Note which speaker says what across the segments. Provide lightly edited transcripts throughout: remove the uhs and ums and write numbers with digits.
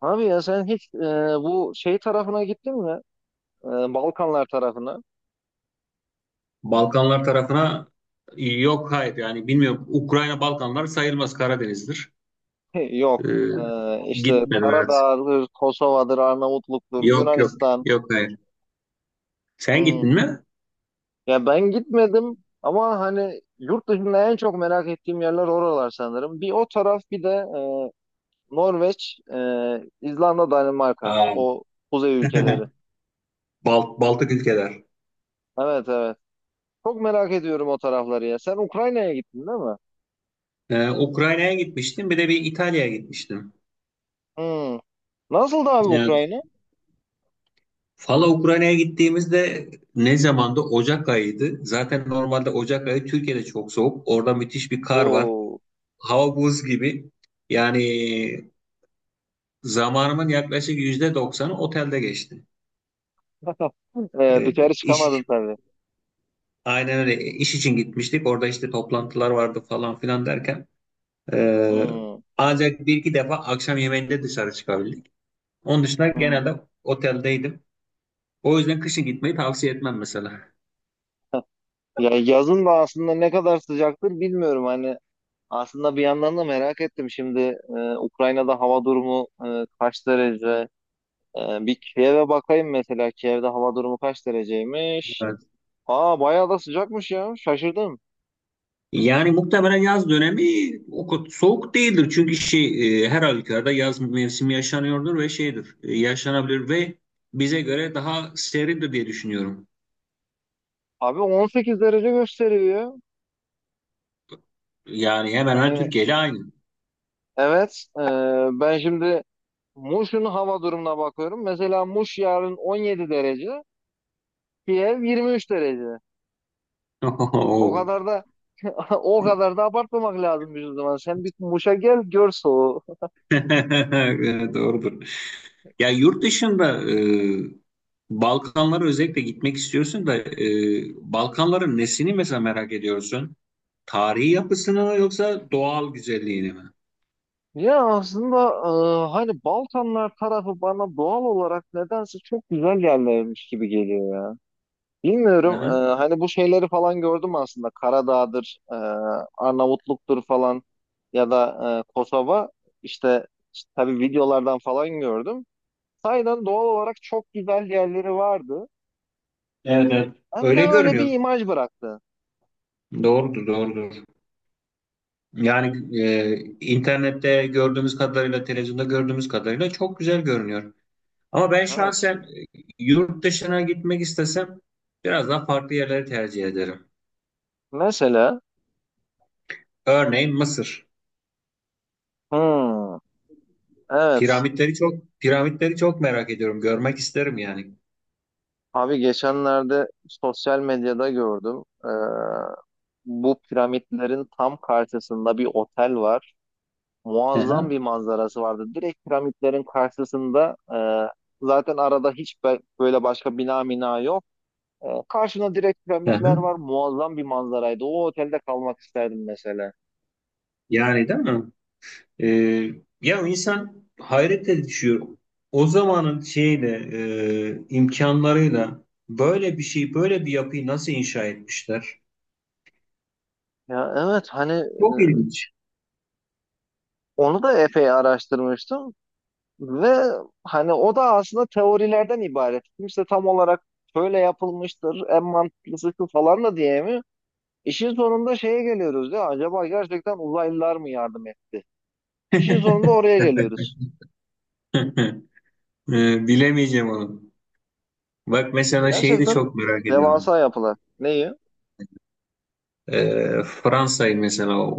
Speaker 1: Abi ya sen hiç bu şey tarafına gittin mi? E, Balkanlar tarafına.
Speaker 2: Balkanlar tarafına yok hayır yani bilmiyorum. Ukrayna Balkanlar sayılmaz Karadeniz'dir.
Speaker 1: Yok. E,
Speaker 2: Ee,
Speaker 1: işte
Speaker 2: gitmedim evet.
Speaker 1: Karadağ'dır, Kosova'dır, Arnavutluk'tur,
Speaker 2: Yok,
Speaker 1: Yunanistan.
Speaker 2: yok hayır. Sen
Speaker 1: Hmm.
Speaker 2: gittin mi?
Speaker 1: Ya ben gitmedim ama hani yurt dışında en çok merak ettiğim yerler oralar sanırım. Bir o taraf bir de Norveç, İzlanda, Danimarka.
Speaker 2: Aa.
Speaker 1: O kuzey ülkeleri.
Speaker 2: Bal- Baltık ülkeler.
Speaker 1: Evet, evet. Çok merak ediyorum o tarafları ya. Sen Ukrayna'ya gittin değil mi?
Speaker 2: Ukrayna'ya gitmiştim. Bir de bir İtalya'ya gitmiştim.
Speaker 1: Hmm. Nasıldı abi
Speaker 2: Evet.
Speaker 1: Ukrayna?
Speaker 2: Valla Ukrayna'ya gittiğimizde ne zamandı? Ocak ayıydı. Zaten normalde Ocak ayı Türkiye'de çok soğuk. Orada müthiş bir kar var.
Speaker 1: Oo.
Speaker 2: Hava buz gibi. Yani zamanımın yaklaşık %90'ı otelde geçti. E,
Speaker 1: Dışarı çıkamadın
Speaker 2: iş
Speaker 1: tabii.
Speaker 2: aynen öyle iş için gitmiştik. Orada işte toplantılar vardı falan filan derken e,
Speaker 1: Hmm,
Speaker 2: ancak bir iki defa akşam yemeğinde dışarı çıkabildik. Onun dışında
Speaker 1: hmm.
Speaker 2: genelde oteldeydim. O yüzden kışın gitmeyi tavsiye etmem mesela.
Speaker 1: Ya yazın da aslında ne kadar sıcaktır bilmiyorum. Hani aslında bir yandan da merak ettim. Şimdi Ukrayna'da hava durumu kaç derece? Bir Kiev'e bakayım mesela. Kiev'de hava durumu kaç dereceymiş?
Speaker 2: Evet.
Speaker 1: Aa bayağı da sıcakmış ya. Şaşırdım.
Speaker 2: Yani muhtemelen yaz dönemi o kadar soğuk değildir. Çünkü her halükarda yaz mevsimi yaşanıyordur ve şeydir, yaşanabilir ve bize göre daha serindir diye düşünüyorum.
Speaker 1: Abi 18 derece gösteriyor.
Speaker 2: Yani hemen hemen
Speaker 1: Yani
Speaker 2: Türkiye ile aynı.
Speaker 1: evet. Ben şimdi Muş'un hava durumuna bakıyorum. Mesela Muş yarın 17 derece. Kiev 23 derece. O kadar da o kadar da abartmamak lazım bir zaman. Sen bir Muş'a gel gör soğuğu.
Speaker 2: Evet, doğrudur. Ya yurt dışında, Balkanlara özellikle gitmek istiyorsun da Balkanların nesini mesela merak ediyorsun? Tarihi yapısını mı yoksa doğal güzelliğini mi?
Speaker 1: Ya aslında hani Balkanlar tarafı bana doğal olarak nedense çok güzel yerlermiş gibi geliyor ya.
Speaker 2: Hı
Speaker 1: Bilmiyorum
Speaker 2: hı.
Speaker 1: hani bu şeyleri falan gördüm aslında. Karadağ'dır, Arnavutluk'tur falan ya da Kosova. İşte işte tabii videolardan falan gördüm. Sahiden doğal olarak çok güzel yerleri vardı.
Speaker 2: Evet, evet.
Speaker 1: Ben de
Speaker 2: Öyle
Speaker 1: öyle
Speaker 2: görünüyor.
Speaker 1: bir imaj bıraktı.
Speaker 2: Doğrudur, doğrudur. Yani internette gördüğümüz kadarıyla, televizyonda gördüğümüz kadarıyla çok güzel görünüyor. Ama ben
Speaker 1: Evet.
Speaker 2: şahsen, yurt dışına gitmek istesem biraz daha farklı yerleri tercih ederim.
Speaker 1: Mesela.
Speaker 2: Örneğin Mısır.
Speaker 1: Hmm, evet.
Speaker 2: Piramitleri, piramitleri çok merak ediyorum. Görmek isterim yani.
Speaker 1: Abi geçenlerde sosyal medyada gördüm. Bu piramitlerin tam karşısında bir otel var.
Speaker 2: Hı
Speaker 1: Muazzam
Speaker 2: hı,
Speaker 1: bir manzarası vardı. Direkt piramitlerin karşısında zaten arada hiç böyle başka bina mina yok. Karşına direkt
Speaker 2: hı
Speaker 1: piramitler
Speaker 2: hı.
Speaker 1: var. Muazzam bir manzaraydı. O otelde kalmak isterdim mesela.
Speaker 2: Yani değil mi? Ee, ya insan hayrete düşüyor. O zamanın imkanlarıyla böyle bir şey, böyle bir yapıyı nasıl inşa etmişler?
Speaker 1: Ya evet hani
Speaker 2: Çok ilginç.
Speaker 1: onu da epey araştırmıştım. Ve hani o da aslında teorilerden ibaret. Kimse tam olarak şöyle yapılmıştır, en mantıklısı şu falan da diyemiyor. İşin sonunda şeye geliyoruz ya, acaba gerçekten uzaylılar mı yardım etti? İşin sonunda oraya geliyoruz.
Speaker 2: Bilemeyeceğim onu. Bak mesela şeyi de
Speaker 1: Gerçekten
Speaker 2: çok merak ediyorum.
Speaker 1: devasa yapılar. Neyi?
Speaker 2: Fransa'yı mesela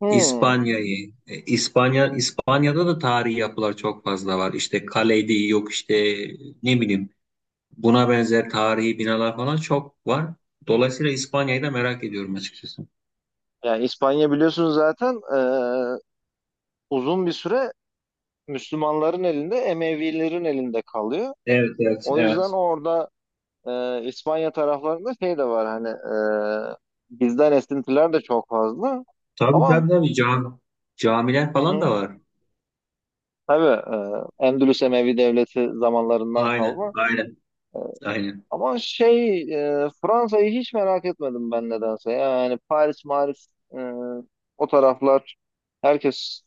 Speaker 1: Hmm.
Speaker 2: İspanya'yı, İspanya'da da tarihi yapılar çok fazla var. İşte Kaledi yok işte ne bileyim buna benzer tarihi binalar falan çok var. Dolayısıyla İspanya'yı da merak ediyorum açıkçası.
Speaker 1: Yani İspanya biliyorsunuz zaten uzun bir süre Müslümanların elinde, Emevilerin elinde kalıyor.
Speaker 2: Evet, evet,
Speaker 1: O yüzden
Speaker 2: evet.
Speaker 1: orada İspanya taraflarında şey de var hani, e, bizden esintiler de çok fazla.
Speaker 2: Tabii
Speaker 1: Ama
Speaker 2: tabii tabii, camiler
Speaker 1: hı
Speaker 2: falan da
Speaker 1: hı,
Speaker 2: var.
Speaker 1: tabii Endülüs Emevi Devleti zamanlarından
Speaker 2: Aynen,
Speaker 1: kalma.
Speaker 2: aynen, aynen.
Speaker 1: Ama şey, Fransa'yı hiç merak etmedim ben nedense. Yani Paris, Maris, e, o taraflar herkes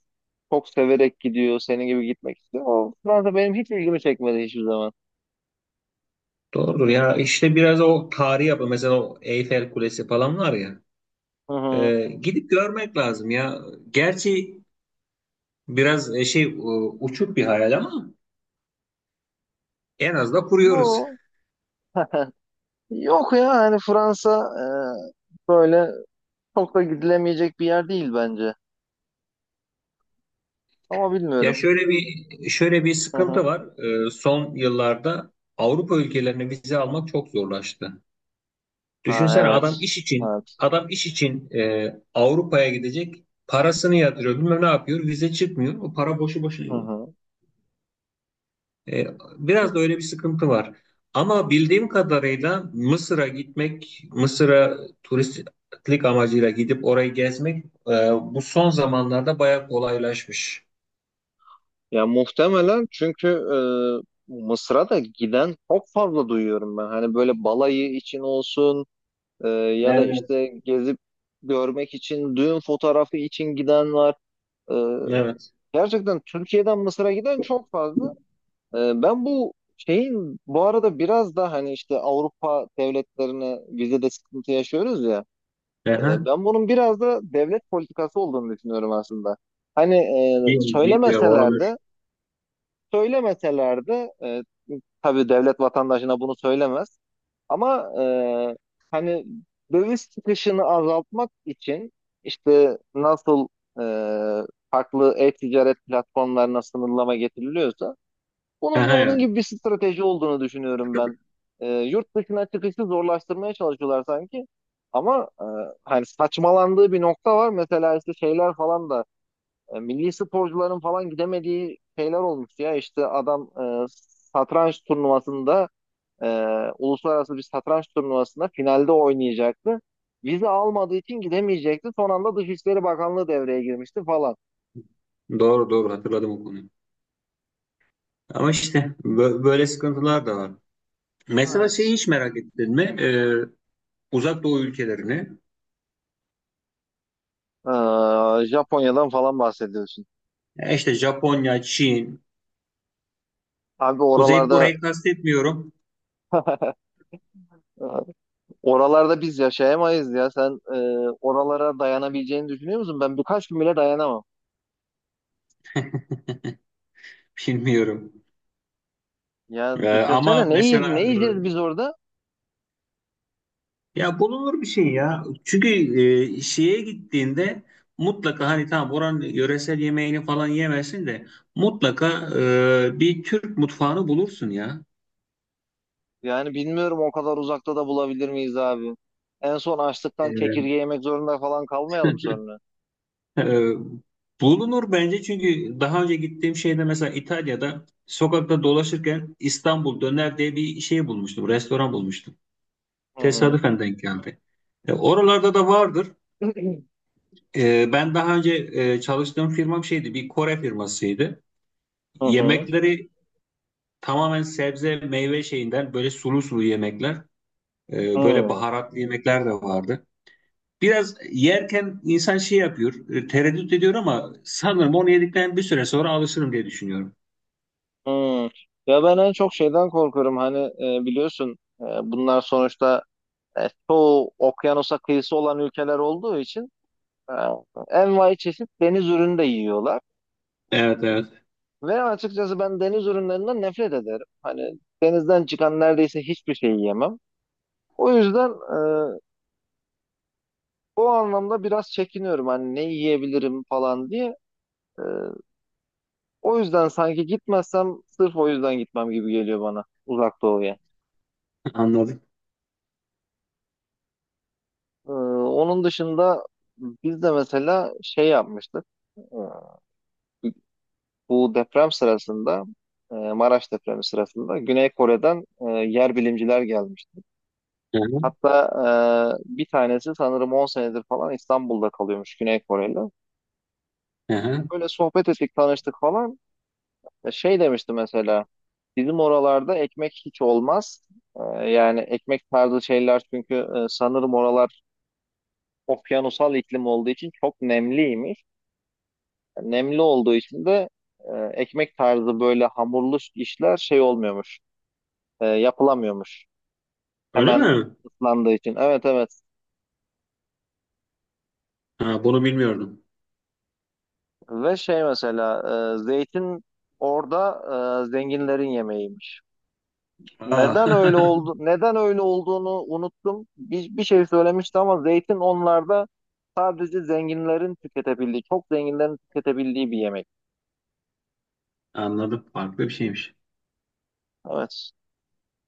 Speaker 1: çok severek gidiyor. Senin gibi gitmek istiyor. O Fransa benim hiç ilgimi çekmedi hiçbir zaman.
Speaker 2: Doğrudur ya işte biraz o tarihi yapı mesela o Eyfel Kulesi falan var ya.
Speaker 1: Hı hı.
Speaker 2: Gidip görmek lazım ya. Gerçi biraz, uçuk bir hayal ama en az da kuruyoruz.
Speaker 1: Yok. Yok ya hani Fransa böyle çok da gidilemeyecek bir yer değil bence. Ama
Speaker 2: Ya
Speaker 1: bilmiyorum.
Speaker 2: şöyle bir şöyle bir
Speaker 1: Hı hı.
Speaker 2: sıkıntı var. Son yıllarda Avrupa ülkelerine vize almak çok zorlaştı.
Speaker 1: Ha,
Speaker 2: Düşünsene adam
Speaker 1: evet.
Speaker 2: iş için
Speaker 1: Evet.
Speaker 2: adam iş için Avrupa'ya gidecek. Parasını yatırıyor, bilmem ne yapıyor, vize çıkmıyor. O para boşu boşuna
Speaker 1: Hı
Speaker 2: gidiyor.
Speaker 1: hı.
Speaker 2: E, biraz da öyle bir sıkıntı var. Ama bildiğim kadarıyla Mısır'a gitmek, Mısır'a turistlik amacıyla gidip orayı gezmek, bu son zamanlarda bayağı kolaylaşmış.
Speaker 1: Ya muhtemelen çünkü Mısır'a da giden çok fazla duyuyorum ben. Hani böyle balayı için olsun, ya da
Speaker 2: Evet.
Speaker 1: işte gezip görmek için, düğün fotoğrafı için giden var. E,
Speaker 2: Evet.
Speaker 1: Gerçekten Türkiye'den Mısır'a giden çok fazla. E, ben bu şeyin bu arada biraz da hani işte Avrupa devletlerine vizede sıkıntı yaşıyoruz ya.
Speaker 2: Aha,
Speaker 1: Ben bunun biraz da devlet politikası olduğunu düşünüyorum aslında. Hani e,
Speaker 2: bil- bilmiyorum
Speaker 1: söylemeseler de,
Speaker 2: olabilir.
Speaker 1: söylemeseler de tabii devlet vatandaşına bunu söylemez. Ama hani döviz çıkışını azaltmak için işte nasıl e, farklı e-ticaret platformlarına sınırlama getiriliyorsa bunun da
Speaker 2: Aha,
Speaker 1: onun
Speaker 2: evet.
Speaker 1: gibi bir strateji olduğunu düşünüyorum ben. Yurt dışına çıkışı zorlaştırmaya çalışıyorlar sanki. Ama hani saçmalandığı bir nokta var. Mesela işte şeyler falan da milli sporcuların falan gidemediği şeyler olmuş ya. İşte adam e, satranç turnuvasında, e, uluslararası bir satranç turnuvasında finalde oynayacaktı. Vize almadığı için gidemeyecekti. Son anda Dışişleri Bakanlığı devreye girmişti falan.
Speaker 2: Doğru doğru hatırladım o konuyu. Ama işte bö- böyle sıkıntılar da var. Mesela şeyi
Speaker 1: Evet.
Speaker 2: hiç merak ettin mi? Uzak Doğu ülkelerini.
Speaker 1: Japonya'dan falan bahsediyorsun.
Speaker 2: Ya İşte Japonya, Çin,
Speaker 1: Abi
Speaker 2: Kuzey
Speaker 1: oralarda
Speaker 2: Kore'yi kastetmiyorum.
Speaker 1: oralarda biz yaşayamayız ya. Sen oralara dayanabileceğini düşünüyor musun? Ben birkaç gün bile dayanamam.
Speaker 2: Bilmiyorum.
Speaker 1: Yani
Speaker 2: Ama
Speaker 1: düşünsene ne, ne
Speaker 2: mesela
Speaker 1: yiyeceğiz biz orada?
Speaker 2: ya bulunur bir şey ya. Çünkü şeye gittiğinde mutlaka hani tamam oranın yöresel yemeğini falan yemesin de mutlaka bir Türk mutfağını bulursun ya.
Speaker 1: Yani bilmiyorum o kadar uzakta da bulabilir miyiz abi? En son açlıktan
Speaker 2: Evet.
Speaker 1: çekirge yemek zorunda falan kalmayalım sonra.
Speaker 2: Ee, bulunur bence çünkü daha önce gittiğim şeyde mesela İtalya'da sokakta dolaşırken İstanbul döner diye bir şey bulmuştum, restoran bulmuştum.
Speaker 1: Hı hı.
Speaker 2: Tesadüfen denk geldi. Oralarda da vardır. Ben daha önce, çalıştığım firmam şeydi, bir Kore firmasıydı.
Speaker 1: Hı hı.
Speaker 2: Yemekleri tamamen sebze, meyve şeyinden böyle sulu sulu yemekler, böyle
Speaker 1: Hı
Speaker 2: baharatlı yemekler de vardı. Biraz yerken insan şey yapıyor, tereddüt ediyor ama sanırım onu yedikten bir süre sonra alışırım diye düşünüyorum.
Speaker 1: hı. Ya ben en çok şeyden korkuyorum. Hani biliyorsun bunlar sonuçta çoğu okyanusa kıyısı olan ülkeler olduğu için. Ha, envai çeşit deniz ürünü de yiyorlar.
Speaker 2: Evet evet,
Speaker 1: Ve açıkçası ben deniz ürünlerinden nefret ederim. Hani denizden çıkan neredeyse hiçbir şey yiyemem. O yüzden o anlamda biraz çekiniyorum hani ne yiyebilirim falan diye. E, O yüzden sanki gitmezsem sırf o yüzden gitmem gibi geliyor bana Uzak Doğu'ya.
Speaker 2: anladım.
Speaker 1: Onun dışında biz de mesela şey yapmıştık. E, Bu deprem sırasında, Maraş depremi sırasında Güney Kore'den yer bilimciler gelmişti.
Speaker 2: Hı hı,
Speaker 1: Hatta bir tanesi sanırım 10 senedir falan İstanbul'da kalıyormuş Güney Koreli.
Speaker 2: hı hı.
Speaker 1: Böyle sohbet ettik, tanıştık falan. Ya şey demişti mesela, bizim oralarda ekmek hiç olmaz. E, Yani ekmek tarzı şeyler çünkü sanırım oralar okyanusal iklim olduğu için çok nemliymiş. Yani nemli olduğu için de e, ekmek tarzı böyle hamurlu işler şey olmuyormuş, yapılamıyormuş.
Speaker 2: Öyle
Speaker 1: Hemen
Speaker 2: mi?
Speaker 1: ıslandığı için. Evet, evet.
Speaker 2: Ha, bunu bilmiyordum.
Speaker 1: Ve şey mesela, zeytin orada zenginlerin yemeğiymiş.
Speaker 2: Aa,
Speaker 1: Neden öyle oldu? Neden öyle olduğunu unuttum. Bir şey söylemişti ama zeytin onlarda sadece zenginlerin tüketebildiği, çok zenginlerin tüketebildiği bir yemek.
Speaker 2: anladım. Farklı bir şeymiş.
Speaker 1: Evet.